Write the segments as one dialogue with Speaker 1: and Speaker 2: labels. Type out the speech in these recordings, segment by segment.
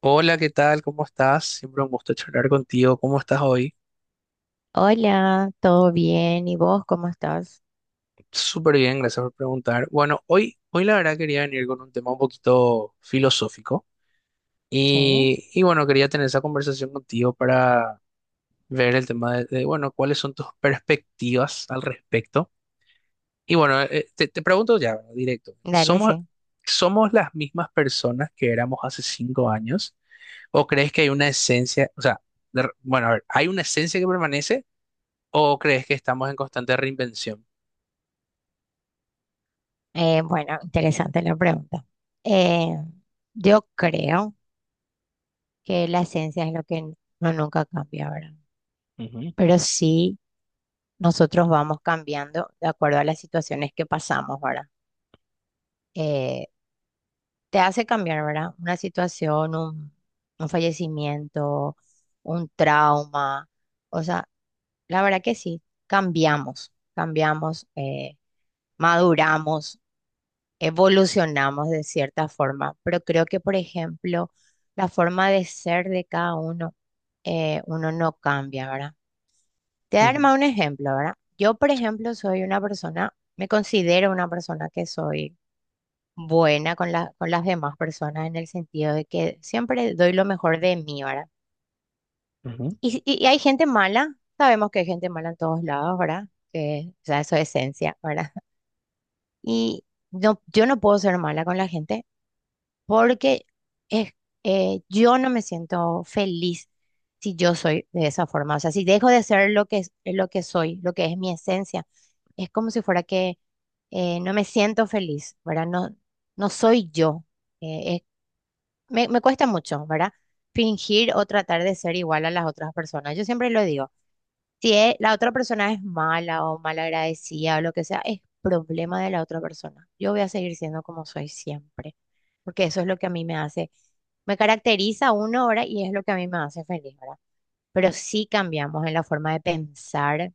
Speaker 1: Hola, ¿qué tal? ¿Cómo estás? Siempre un gusto charlar contigo. ¿Cómo estás hoy?
Speaker 2: Hola, ¿todo bien? ¿Y vos cómo estás?
Speaker 1: Súper bien, gracias por preguntar. Bueno, hoy la verdad quería venir con un tema un poquito filosófico
Speaker 2: Sí,
Speaker 1: y bueno, quería tener esa conversación contigo para ver el tema de, bueno, cuáles son tus perspectivas al respecto. Y bueno, te pregunto ya, bueno, directo,
Speaker 2: dale,
Speaker 1: ¿somos,
Speaker 2: sí.
Speaker 1: somos las mismas personas que éramos hace 5 años? ¿O crees que hay una esencia, o sea, bueno, a ver, ¿hay una esencia que permanece? ¿O crees que estamos en constante reinvención?
Speaker 2: Bueno, interesante la pregunta. Eh, yo creo que la esencia es lo que no nunca cambia, ¿verdad?
Speaker 1: Ujú,
Speaker 2: Pero sí, nosotros vamos cambiando de acuerdo a las situaciones que pasamos, ¿verdad? Eh, Te hace cambiar, ¿verdad? Una situación, un fallecimiento, un trauma, o sea, la verdad que sí, cambiamos, cambiamos. Maduramos, evolucionamos de cierta forma, pero creo que, por ejemplo, la forma de ser de cada uno, uno no cambia, ¿verdad? Te voy a dar
Speaker 1: ujú,
Speaker 2: más un ejemplo, ¿verdad? Yo, por ejemplo, soy una persona, me considero una persona que soy buena con las demás personas en el sentido de que siempre doy lo mejor de mí, ¿verdad?
Speaker 1: ujú,
Speaker 2: Y hay gente mala, sabemos que hay gente mala en todos lados, ¿verdad? Que, o sea, eso es esencia, ¿verdad? Y no, yo no puedo ser mala con la gente porque es, yo no me siento feliz si yo soy de esa forma. O sea, si dejo de ser lo que soy, lo que es mi esencia, es como si fuera que no me siento feliz, ¿verdad? No, no soy yo. Eh, es- me cuesta mucho, ¿verdad? Fingir o tratar de ser igual a las otras personas. Yo siempre lo digo. Si e- La otra persona es mala o malagradecida o lo que sea, es problema de la otra persona. Yo voy a seguir siendo como soy siempre, porque eso es lo que a mí me hace, me caracteriza uno ahora y es lo que a mí me hace feliz, ¿verdad? Pero sí cambiamos en la forma de pensar,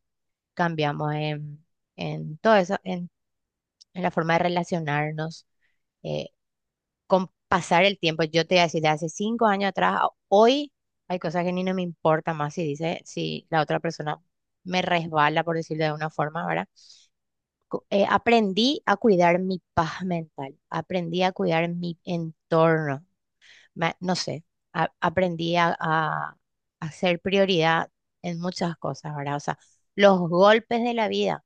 Speaker 2: cambiamos en todo eso, en la forma de relacionarnos. eh, con pasar el tiempo, yo te voy a decir, de hace 5 años atrás, a hoy hay cosas que ni no me importa más si dice, si la otra persona me resbala, por decirlo de una forma, ¿verdad? Aprendí a cuidar mi paz mental, aprendí a cuidar mi entorno, no sé, aprendí a hacer prioridad en muchas cosas, ¿verdad? O sea, los golpes de la vida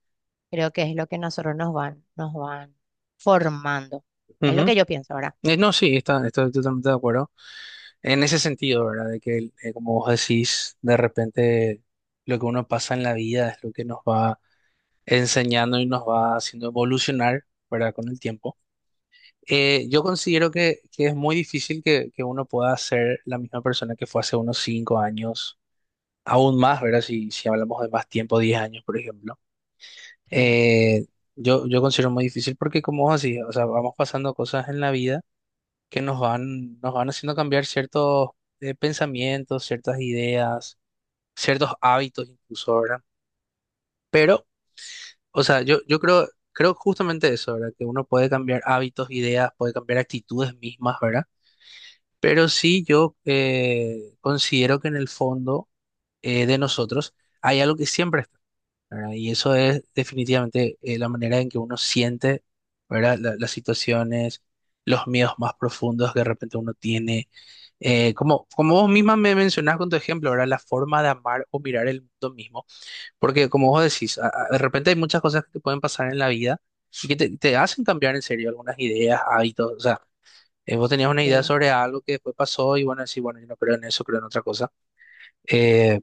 Speaker 2: creo que es lo que nosotros nos van formando. Es lo
Speaker 1: ujú.
Speaker 2: que yo pienso, ¿verdad?
Speaker 1: No, sí, estoy totalmente de acuerdo. En ese sentido, ¿verdad? De que, como vos decís, de repente lo que uno pasa en la vida es lo que nos va enseñando y nos va haciendo evolucionar, ¿verdad? Con el tiempo. Yo considero que es muy difícil que uno pueda ser la misma persona que fue hace unos 5 años, aún más, ¿verdad? Si hablamos de más tiempo, 10 años, por ejemplo. Eh, yo considero muy difícil porque como vos decís, o sea, vamos pasando cosas en la vida que nos van haciendo cambiar ciertos pensamientos, ciertas ideas, ciertos hábitos incluso, ¿verdad? Pero, o sea, yo creo justamente eso, ¿verdad? Que uno puede cambiar hábitos, ideas, puede cambiar actitudes mismas, ¿verdad? Pero sí yo considero que en el fondo de nosotros hay algo que siempre está, ¿verdad? Y eso es definitivamente la manera en que uno siente, ¿verdad? Las situaciones, los miedos más profundos que de repente uno tiene. Como vos misma me mencionás con tu ejemplo, ¿verdad? La forma de amar o mirar el mundo mismo. Porque como vos decís, de repente hay muchas cosas que te pueden pasar en la vida y que te hacen cambiar en serio algunas ideas, hábitos. O sea, vos tenías una idea
Speaker 2: Sí.
Speaker 1: sobre algo que después pasó y bueno, decís, bueno, yo no creo en eso, creo en otra cosa. Eh,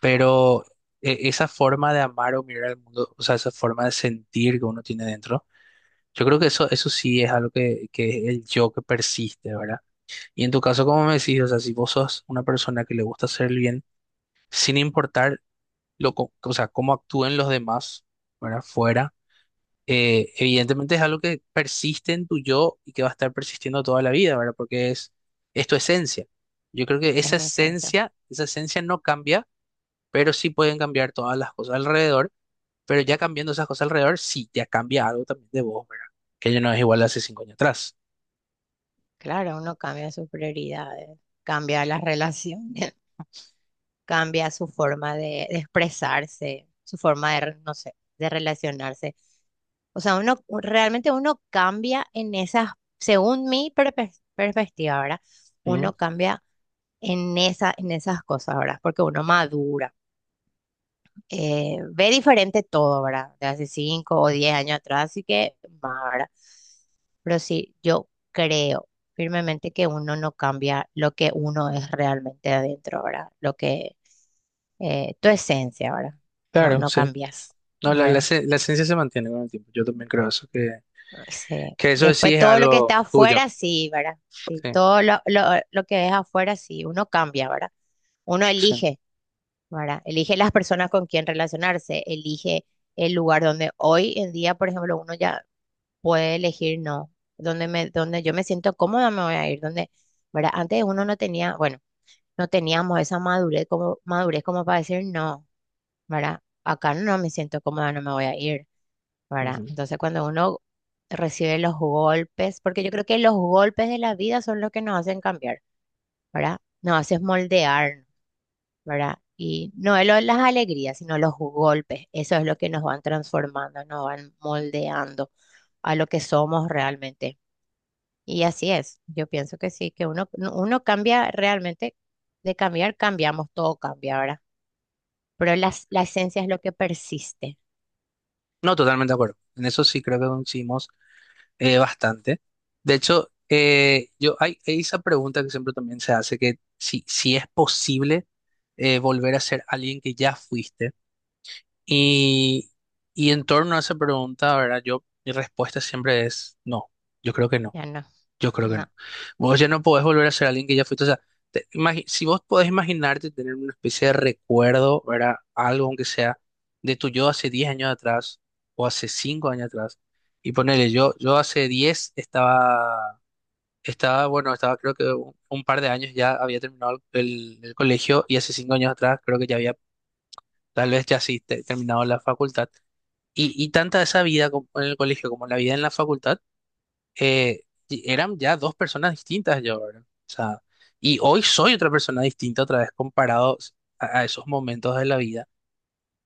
Speaker 1: pero esa forma de amar o mirar al mundo, o sea, esa forma de sentir que uno tiene dentro, yo creo que eso sí es algo que es el yo que persiste, ¿verdad? Y en tu caso, como me decís, o sea, si vos sos una persona que le gusta hacer el bien, sin importar o sea, cómo actúen los demás, ¿verdad? Fuera, evidentemente es algo que persiste en tu yo y que va a estar persistiendo toda la vida, ¿verdad? Porque es tu esencia. Yo creo que
Speaker 2: Es mi esencia.
Speaker 1: esa esencia no cambia, pero sí pueden cambiar todas las cosas alrededor, pero ya cambiando esas cosas alrededor, sí, ya cambia algo también de vos, ¿verdad? Que ya no es igual a hace 5 años atrás.
Speaker 2: Claro, uno cambia sus prioridades, cambia las relaciones, cambia su forma de expresarse, su forma no sé, de relacionarse. O sea, uno realmente uno cambia en esas, según mi perspectiva, ¿verdad?
Speaker 1: Ujú,
Speaker 2: Uno cambia en esas cosas, ¿verdad? Porque uno madura. Ve diferente todo, ¿verdad? De hace 5 o 10 años atrás, así que más, ¿verdad? Pero sí, yo creo firmemente que uno no cambia lo que uno es realmente adentro, ¿verdad? Lo que, tu esencia, ¿verdad? No,
Speaker 1: claro,
Speaker 2: no
Speaker 1: sí.
Speaker 2: cambias,
Speaker 1: No,
Speaker 2: ¿verdad?
Speaker 1: la esencia se mantiene con el tiempo. Yo también creo eso, que,
Speaker 2: Sí.
Speaker 1: que eso sí
Speaker 2: Después
Speaker 1: es
Speaker 2: todo lo que está
Speaker 1: algo tuyo.
Speaker 2: afuera, sí, ¿verdad? Sí,
Speaker 1: Sí,
Speaker 2: todo lo que es afuera, sí, uno cambia, ¿verdad? Uno
Speaker 1: sí.
Speaker 2: elige, ¿verdad? Elige las personas con quien relacionarse, elige el lugar donde hoy en día, por ejemplo, uno ya puede elegir no, donde yo me siento cómoda me voy a ir, donde, ¿verdad? Antes uno no tenía, bueno, no teníamos esa madurez como para decir no, ¿verdad? Acá no me siento cómoda, no me voy a ir, ¿verdad?
Speaker 1: Ujú.
Speaker 2: Entonces cuando uno recibe los golpes, porque yo creo que los golpes de la vida son los que nos hacen cambiar, ¿verdad? Nos hacen moldear, ¿verdad? Y no es las alegrías, sino los golpes. Eso es lo que nos van transformando, nos van moldeando a lo que somos realmente. Y así es. Yo pienso que sí, que uno, uno cambia realmente, de cambiar, cambiamos, todo cambia, ahora pero la esencia es lo que persiste.
Speaker 1: No, totalmente de acuerdo. En eso sí creo que coincidimos bastante. De hecho, yo, hay esa pregunta que siempre también se hace, que si es posible volver a ser alguien que ya fuiste. Y, y en torno a esa pregunta, ¿verdad? Yo, mi respuesta siempre es no, yo creo que no,
Speaker 2: Ya no,
Speaker 1: yo creo que
Speaker 2: no,
Speaker 1: no. Vos ya no podés volver a ser alguien que ya fuiste, o sea, si vos podés imaginarte tener una especie de recuerdo, ¿verdad? Algo aunque sea de tu yo hace 10 años atrás o hace 5 años atrás. Y ponele, yo hace 10 estaba, estaba creo que un par de años ya había terminado el colegio, y hace 5 años atrás creo que ya había, tal vez ya sí, terminado la facultad. Y tanta esa vida como en el colegio como la vida en la facultad, eh, y eran ya dos personas distintas yo, ¿verdad? O sea, y hoy soy otra persona distinta otra vez comparado a esos momentos de la vida.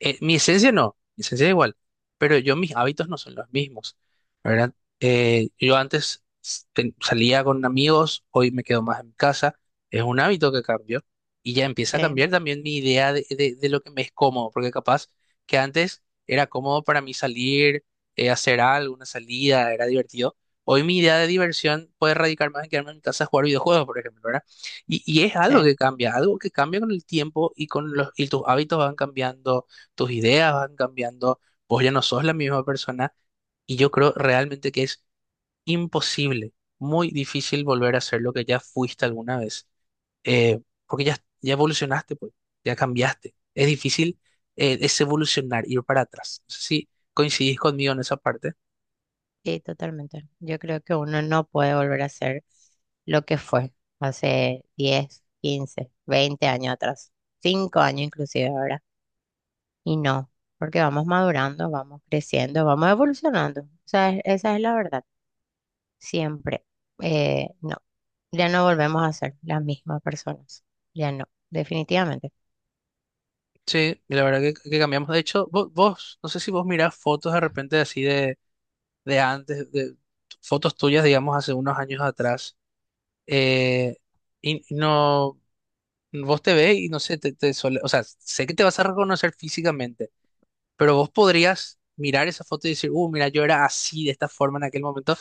Speaker 1: Mi esencia no, mi esencia es igual, pero yo mis hábitos no son los mismos, ¿verdad? Yo antes salía con amigos, hoy me quedo más en casa, es un hábito que cambió y ya empieza a
Speaker 2: sí,
Speaker 1: cambiar también mi idea de lo que me es cómodo, porque capaz que antes era cómodo para mí salir, hacer algo, una salida, era divertido. Hoy mi idea de diversión puede radicar más en quedarme en mi casa a jugar videojuegos, por ejemplo, ¿verdad? Y es
Speaker 2: sí.
Speaker 1: algo que cambia con el tiempo y y tus hábitos van cambiando, tus ideas van cambiando, vos ya no sos la misma persona y yo creo realmente que es imposible, muy difícil volver a ser lo que ya fuiste alguna vez, eh, porque ya, ya evolucionaste, pues, ya cambiaste. Es difícil, es evolucionar, ir para atrás. No sé si coincidís conmigo en esa parte.
Speaker 2: Sí, totalmente. Yo creo que uno no puede volver a ser lo que fue hace 10, 15, 20 años atrás, 5 años inclusive ahora. Y no, porque vamos madurando, vamos creciendo, vamos evolucionando. O sea, esa es la verdad. Siempre. No, ya no volvemos a ser las mismas personas. Ya no, definitivamente.
Speaker 1: Sí, y la verdad que cambiamos. De hecho, vos, no sé si vos mirás fotos de repente así de antes, de fotos tuyas, digamos, hace unos años atrás. eh, y no, vos te ves y no sé, o sea, sé que te vas a reconocer físicamente, pero vos podrías mirar esa foto y decir, mira, yo era así, de esta forma en aquel momento,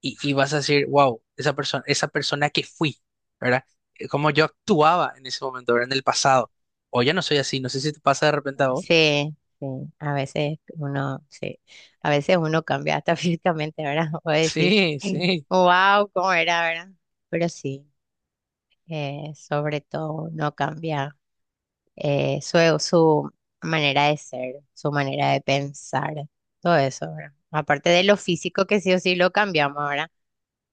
Speaker 1: y vas a decir, wow, esa persona que fui, ¿verdad? Como yo actuaba en ese momento, ¿verdad? En el pasado. O ya no soy así, no sé si te pasa de repente a vos.
Speaker 2: Sí, sí, a veces uno, sí, a veces uno cambia hasta físicamente, ¿verdad? O decís,
Speaker 1: Sí, sí,
Speaker 2: wow, ¿cómo era, verdad? Pero sí, sobre todo uno cambia su manera de ser, su manera de pensar, todo eso, ¿verdad? Aparte de lo físico que sí o sí lo cambiamos, ¿verdad?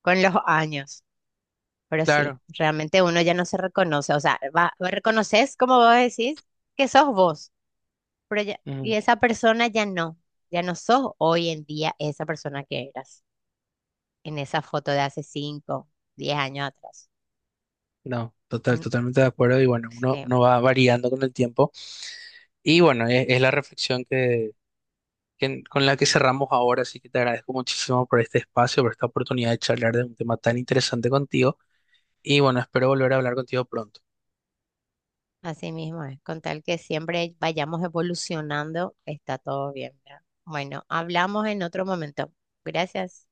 Speaker 2: Con los años, pero sí,
Speaker 1: claro.
Speaker 2: realmente uno ya no se reconoce, o sea, va, reconoces, como vos decís, que sos vos. Pero ya, y
Speaker 1: Ujú.
Speaker 2: esa persona ya no, ya no sos hoy en día esa persona que eras en esa foto de hace 5 10 años atrás.
Speaker 1: No,
Speaker 2: Mm,
Speaker 1: totalmente de acuerdo. Y bueno, uno,
Speaker 2: sí,
Speaker 1: uno va variando con el tiempo. Y bueno, es la reflexión con la que cerramos ahora, así que te agradezco muchísimo por este espacio, por esta oportunidad de charlar de un tema tan interesante contigo, y bueno, espero volver a hablar contigo pronto.
Speaker 2: así mismo es. Con tal que siempre vayamos evolucionando, está todo bien, ¿verdad? Bueno, hablamos en otro momento. Gracias.